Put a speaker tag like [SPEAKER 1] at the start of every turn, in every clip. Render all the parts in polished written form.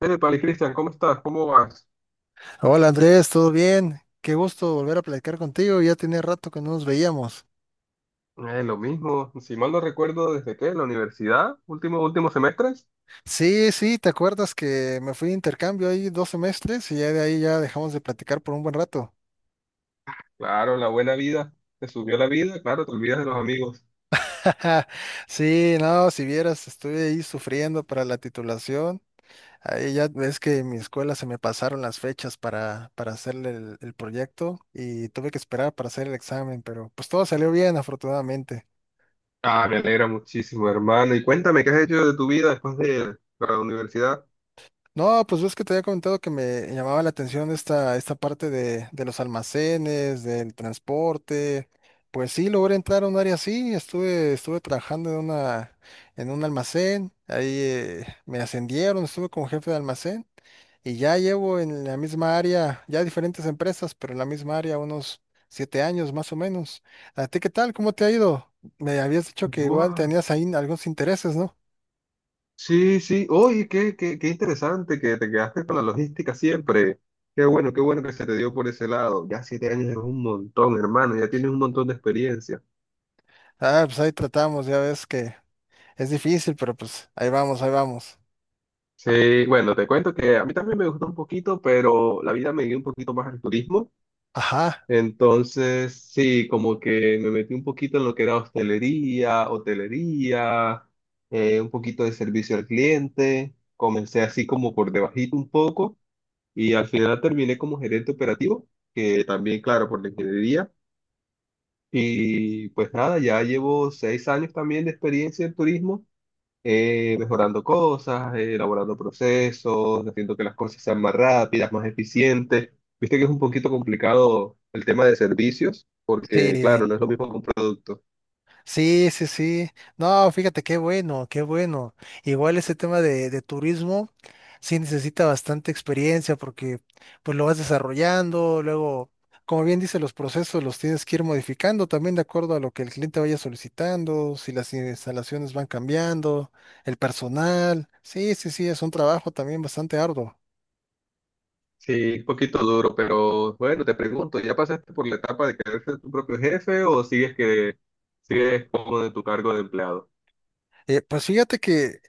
[SPEAKER 1] Hey, Pali Cristian, ¿cómo estás? ¿Cómo vas?
[SPEAKER 2] Hola Andrés, ¿todo bien? Qué gusto volver a platicar contigo, ya tenía rato que no nos veíamos.
[SPEAKER 1] Lo mismo, si mal no recuerdo, ¿desde qué? ¿La universidad? ¿Últimos semestres?
[SPEAKER 2] Sí, sí, ¿te acuerdas que me fui de intercambio ahí 2 semestres y ya de ahí ya dejamos de platicar por un buen rato?
[SPEAKER 1] Claro, la buena vida. Te subió la vida, claro, te olvidas de los amigos.
[SPEAKER 2] Sí, no, si vieras, estuve ahí sufriendo para la titulación. Ahí ya ves que en mi escuela se me pasaron las fechas para hacer el proyecto y tuve que esperar para hacer el examen, pero pues todo salió bien, afortunadamente.
[SPEAKER 1] Ah, me alegra muchísimo, hermano. Y cuéntame, ¿qué has hecho de tu vida después de la universidad?
[SPEAKER 2] No, pues ves que te había comentado que me llamaba la atención esta parte de los almacenes, del transporte. Pues sí, logré entrar a un área así, estuve trabajando en un almacén, ahí me ascendieron, estuve como jefe de almacén y ya llevo en la misma área, ya diferentes empresas, pero en la misma área unos 7 años más o menos. ¿A ti qué tal? ¿Cómo te ha ido? Me habías dicho que igual
[SPEAKER 1] Buah,
[SPEAKER 2] tenías ahí algunos intereses, ¿no?
[SPEAKER 1] sí, sí. Oye, qué interesante que te quedaste con la logística siempre. Qué bueno que se te dio por ese lado. Ya 7 años es un montón, hermano. Ya tienes un montón de experiencia.
[SPEAKER 2] Ah, pues ahí tratamos, ya ves que es difícil, pero pues ahí vamos, ahí vamos.
[SPEAKER 1] Sí, bueno, te cuento que a mí también me gustó un poquito, pero la vida me dio un poquito más al turismo.
[SPEAKER 2] Ajá,
[SPEAKER 1] Entonces, sí, como que me metí un poquito en lo que era hostelería, hotelería, un poquito de servicio al cliente. Comencé así como por debajito un poco y al final terminé como gerente operativo, que también, claro, por la ingeniería. Y pues nada, ya llevo 6 años también de experiencia en turismo, mejorando cosas, elaborando procesos, haciendo que las cosas sean más rápidas, más eficientes. Viste que es un poquito complicado el tema de servicios, porque
[SPEAKER 2] sí,
[SPEAKER 1] claro, no es lo mismo que un producto.
[SPEAKER 2] sí, sí, sí. No, fíjate, qué bueno, qué bueno. Igual ese tema de turismo sí necesita bastante experiencia porque pues lo vas desarrollando, luego, como bien dice, los procesos los tienes que ir modificando también de acuerdo a lo que el cliente vaya solicitando, si las instalaciones van cambiando, el personal. Sí, sí, sí, es un trabajo también bastante arduo.
[SPEAKER 1] Sí, es un poquito duro, pero bueno, te pregunto, ¿ya pasaste por la etapa de querer ser tu propio jefe o sigues como de tu cargo de empleado?
[SPEAKER 2] Pues fíjate que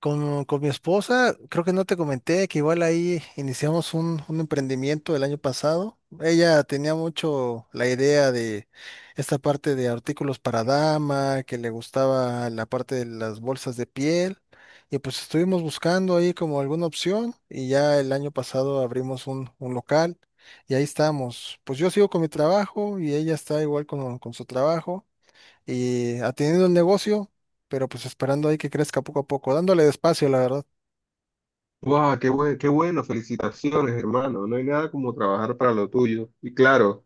[SPEAKER 2] con mi esposa, creo que no te comenté que igual ahí iniciamos un emprendimiento el año pasado. Ella tenía mucho la idea de esta parte de artículos para dama, que le gustaba la parte de las bolsas de piel. Y pues estuvimos buscando ahí como alguna opción y ya el año pasado abrimos un local y ahí estamos. Pues yo sigo con mi trabajo y ella está igual con su trabajo y atendiendo el negocio, pero pues esperando ahí que crezca poco a poco, dándole despacio, la verdad.
[SPEAKER 1] ¡Wow! Qué bueno! Felicitaciones, hermano. No hay nada como trabajar para lo tuyo. Y claro,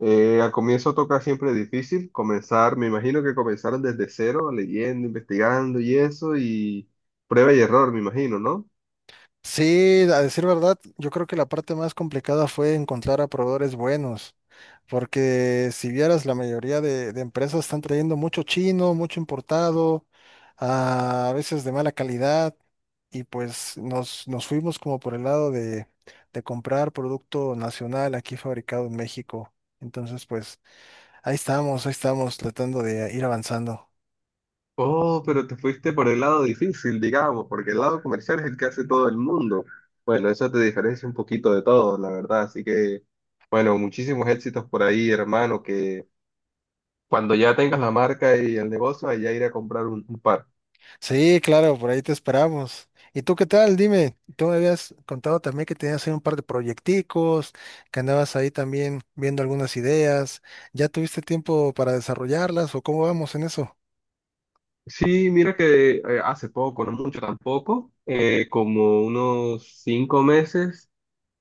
[SPEAKER 1] Al comienzo toca siempre difícil comenzar, me imagino que comenzaron desde cero, leyendo, investigando y eso, y prueba y error, me imagino, ¿no?
[SPEAKER 2] Sí, a decir verdad, yo creo que la parte más complicada fue encontrar a proveedores buenos, porque si vieras, la mayoría de empresas están trayendo mucho chino, mucho importado, a veces de mala calidad, y pues nos fuimos como por el lado de comprar producto nacional aquí fabricado en México. Entonces, pues ahí estamos tratando de ir avanzando.
[SPEAKER 1] Oh, pero te fuiste por el lado difícil, digamos, porque el lado comercial es el que hace todo el mundo. Bueno, eso te diferencia un poquito de todo, la verdad. Así que, bueno, muchísimos éxitos por ahí, hermano, que cuando ya tengas la marca y el negocio, allá ir a comprar un par.
[SPEAKER 2] Sí, claro, por ahí te esperamos. ¿Y tú qué tal? Dime, tú me habías contado también que tenías ahí un par de proyecticos, que andabas ahí también viendo algunas ideas. ¿Ya tuviste tiempo para desarrollarlas o cómo vamos en eso?
[SPEAKER 1] Sí, mira que hace poco, no mucho tampoco, como unos 5 meses,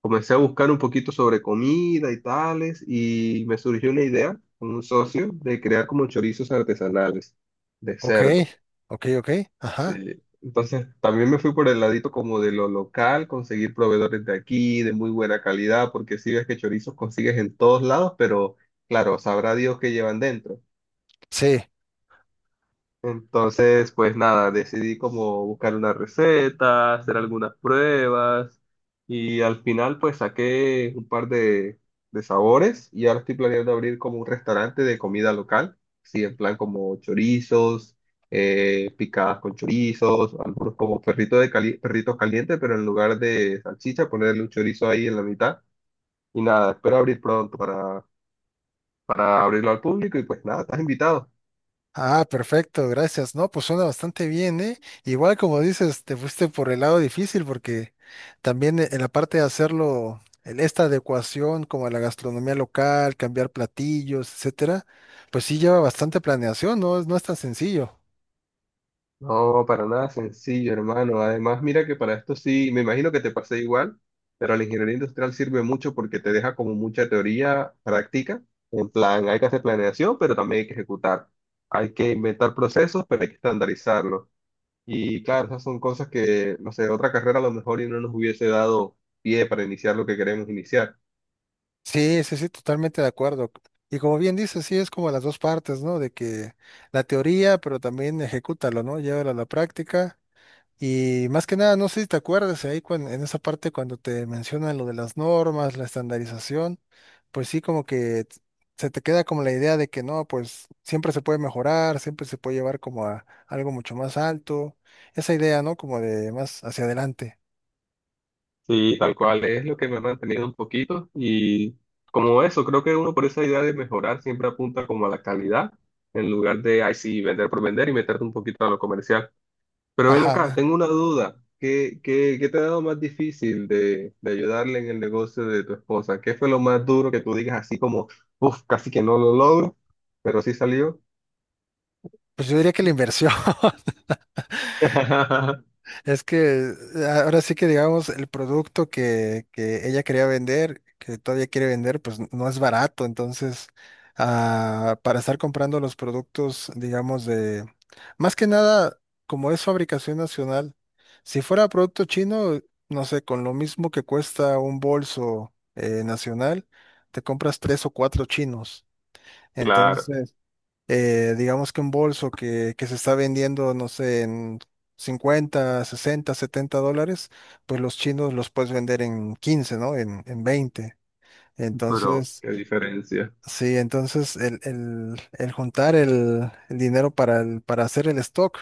[SPEAKER 1] comencé a buscar un poquito sobre comida y tales, y me surgió una idea con un socio de crear como chorizos artesanales de
[SPEAKER 2] Ok,
[SPEAKER 1] cerdo.
[SPEAKER 2] ok, ok,
[SPEAKER 1] Sí.
[SPEAKER 2] ajá,
[SPEAKER 1] Entonces, también me fui por el ladito como de lo local, conseguir proveedores de aquí, de muy buena calidad, porque si ves que chorizos consigues en todos lados, pero claro, sabrá Dios qué llevan dentro.
[SPEAKER 2] sí.
[SPEAKER 1] Entonces, pues nada, decidí como buscar una receta, hacer algunas pruebas y al final pues saqué un par de sabores y ahora estoy planeando abrir como un restaurante de comida local, sí, en plan como chorizos, picadas con chorizos, algunos como perritos calientes, pero en lugar de salchicha ponerle un chorizo ahí en la mitad y nada, espero abrir pronto para abrirlo al público y pues nada, estás invitado.
[SPEAKER 2] Ah, perfecto, gracias. No, pues suena bastante bien, ¿eh? Igual como dices, te fuiste por el lado difícil porque también en la parte de hacerlo, en esta adecuación como a la gastronomía local, cambiar platillos, etcétera, pues sí lleva bastante planeación, ¿no? No es tan sencillo.
[SPEAKER 1] No, para nada sencillo, hermano. Además, mira que para esto sí, me imagino que te pasé igual, pero la ingeniería industrial sirve mucho porque te deja como mucha teoría práctica. En plan, hay que hacer planeación, pero también hay que ejecutar. Hay que inventar procesos, pero hay que estandarizarlos. Y claro, esas son cosas que, no sé, otra carrera a lo mejor y no nos hubiese dado pie para iniciar lo que queremos iniciar.
[SPEAKER 2] Sí, sí, sí, totalmente de acuerdo. Y como bien dices, sí, es como las dos partes, ¿no? De que la teoría, pero también ejecútalo, ¿no? Llévalo a la práctica. Y más que nada, no sé si te acuerdas ahí en esa parte cuando te mencionan lo de las normas, la estandarización, pues sí, como que se te queda como la idea de que no, pues siempre se puede mejorar, siempre se puede llevar como a algo mucho más alto. Esa idea, ¿no? Como de más hacia adelante.
[SPEAKER 1] Sí, tal cual es lo que me ha mantenido un poquito y como eso, creo que uno por esa idea de mejorar siempre apunta como a la calidad en lugar de, ay sí, vender por vender y meterte un poquito a lo comercial. Pero ven
[SPEAKER 2] Ajá.
[SPEAKER 1] acá, tengo una duda. ¿Qué te ha dado más difícil de ayudarle en el negocio de tu esposa? ¿Qué fue lo más duro que tú digas así como, uff, casi que no lo logro, pero sí salió?
[SPEAKER 2] Pues yo diría que la inversión. Es que ahora sí que digamos, el producto que ella quería vender, que todavía quiere vender, pues no es barato. Entonces, para estar comprando los productos, digamos, de, más que nada, como es fabricación nacional, si fuera producto chino, no sé, con lo mismo que cuesta un bolso nacional, te compras tres o cuatro chinos.
[SPEAKER 1] Claro,
[SPEAKER 2] Entonces, digamos que un bolso que se está vendiendo, no sé, en 50 60 $70, pues los chinos los puedes vender en 15, ¿no? En 20.
[SPEAKER 1] pero
[SPEAKER 2] Entonces,
[SPEAKER 1] qué diferencia.
[SPEAKER 2] sí, entonces el, el juntar el dinero para hacer el stock,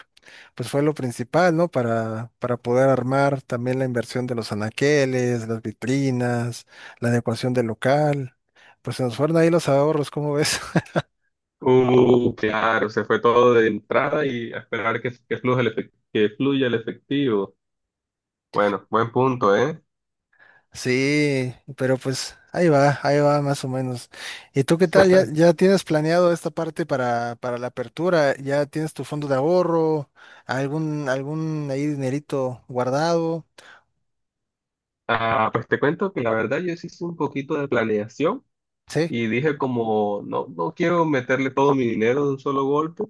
[SPEAKER 2] pues fue lo principal, ¿no? Para poder armar también la inversión de los anaqueles, las vitrinas, la adecuación del local. Pues se nos fueron ahí los ahorros, ¿cómo ves?
[SPEAKER 1] Claro, se fue todo de entrada y a esperar que, que fluya el efectivo. Bueno, buen punto, ¿eh?
[SPEAKER 2] Sí, pero pues ahí va más o menos. ¿Y tú qué tal? ¿Ya tienes planeado esta parte para la apertura? ¿Ya tienes tu fondo de ahorro? ¿Algún ahí dinerito guardado?
[SPEAKER 1] Ah, pues te cuento que la verdad yo sí hice un poquito de planeación.
[SPEAKER 2] Sí.
[SPEAKER 1] Y dije como, no, no quiero meterle todo mi dinero de un solo golpe.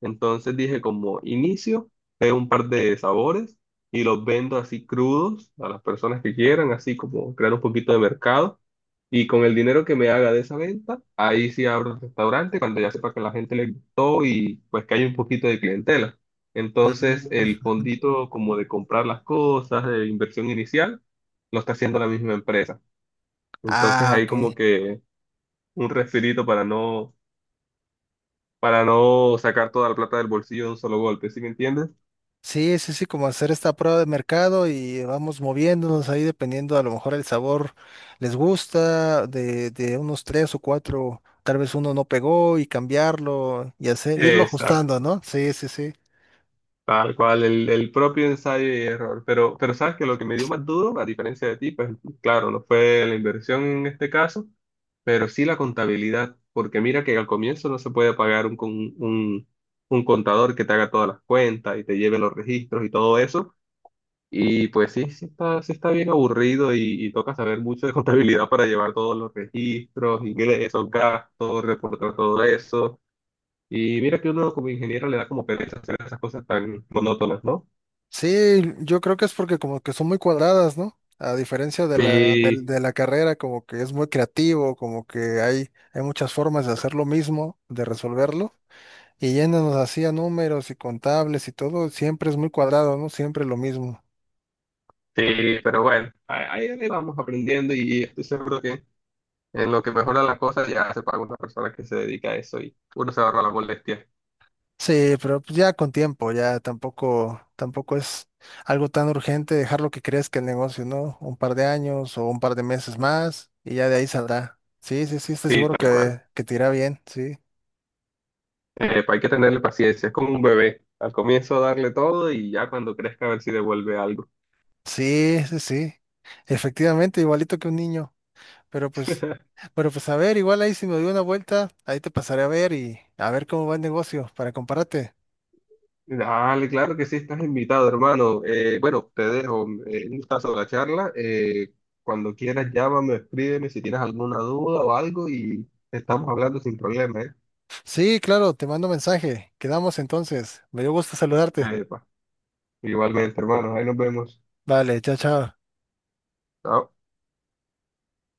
[SPEAKER 1] Entonces dije como, inicio, pego un par de sabores y los vendo así crudos a las personas que quieran, así como crear un poquito de mercado. Y con el dinero que me haga de esa venta, ahí sí abro el restaurante cuando ya sepa que a la gente le gustó y pues que hay un poquito de clientela. Entonces
[SPEAKER 2] Mm, ujú.
[SPEAKER 1] el fondito como de comprar las cosas, de inversión inicial, lo está haciendo la misma empresa. Entonces
[SPEAKER 2] Ah,
[SPEAKER 1] ahí como
[SPEAKER 2] ok.
[SPEAKER 1] que un respirito para no sacar toda la plata del bolsillo de un solo golpe, ¿sí me entiendes?
[SPEAKER 2] Sí, sí, sí, como hacer esta prueba de mercado y vamos moviéndonos ahí dependiendo, a lo mejor el sabor les gusta, de unos tres o cuatro, tal vez uno no pegó y cambiarlo y hacer, irlo ajustando,
[SPEAKER 1] Exacto,
[SPEAKER 2] ¿no? Sí, sí, sí.
[SPEAKER 1] tal cual, el, propio ensayo y error. Pero sabes que lo que me dio más duro, a diferencia de ti, pues claro, no fue la inversión en este caso, pero sí la contabilidad, porque mira que al comienzo no se puede pagar un, un contador que te haga todas las cuentas y te lleve los registros y todo eso. Y pues sí, sí está bien aburrido y toca saber mucho de contabilidad para llevar todos los registros, ingresos, gastos, reportar todo eso. Y mira que uno como ingeniero le da como pereza hacer esas cosas tan monótonas, ¿no?
[SPEAKER 2] Sí, yo creo que es porque como que son muy cuadradas, ¿no? A diferencia de la, Mm. del-
[SPEAKER 1] Sí,
[SPEAKER 2] de la carrera, como que es muy creativo, como que hay muchas formas de hacer lo mismo, de resolverlo, y yéndonos así a números y contables y todo, siempre es muy cuadrado, ¿no? Siempre lo mismo.
[SPEAKER 1] sí, pero bueno, ahí, ahí vamos aprendiendo y estoy seguro que en lo que mejora la cosa ya se paga una persona que se dedica a eso y uno se ahorra la molestia.
[SPEAKER 2] Sí, pero pues ya con tiempo, ya, tampoco es algo tan urgente dejar lo que crezca el negocio, ¿no? Un par de años o un par de meses más, y ya de ahí saldrá. Sí, sí, sí, estoy
[SPEAKER 1] Sí,
[SPEAKER 2] seguro
[SPEAKER 1] tal cual.
[SPEAKER 2] que te irá bien, sí.
[SPEAKER 1] Pues hay que tenerle paciencia, es como un bebé. Al comienzo darle todo y ya cuando crezca a ver si devuelve algo.
[SPEAKER 2] Sí, sí, sí. Efectivamente, igualito que un niño. Pero pues, pero pues a ver, igual ahí si me doy una vuelta, ahí te pasaré a ver y a ver cómo va el negocio para compararte.
[SPEAKER 1] Dale, claro que sí, estás invitado, hermano. Bueno, te dejo un gustazo de la charla. Cuando quieras, llámame, escríbeme si tienes alguna duda o algo y estamos hablando sin problema, ¿eh?
[SPEAKER 2] Sí, claro, te mando mensaje. Quedamos entonces. Me dio gusto saludarte.
[SPEAKER 1] Epa, igualmente, hermano, ahí nos vemos.
[SPEAKER 2] Vale, chao, chao.
[SPEAKER 1] Chao.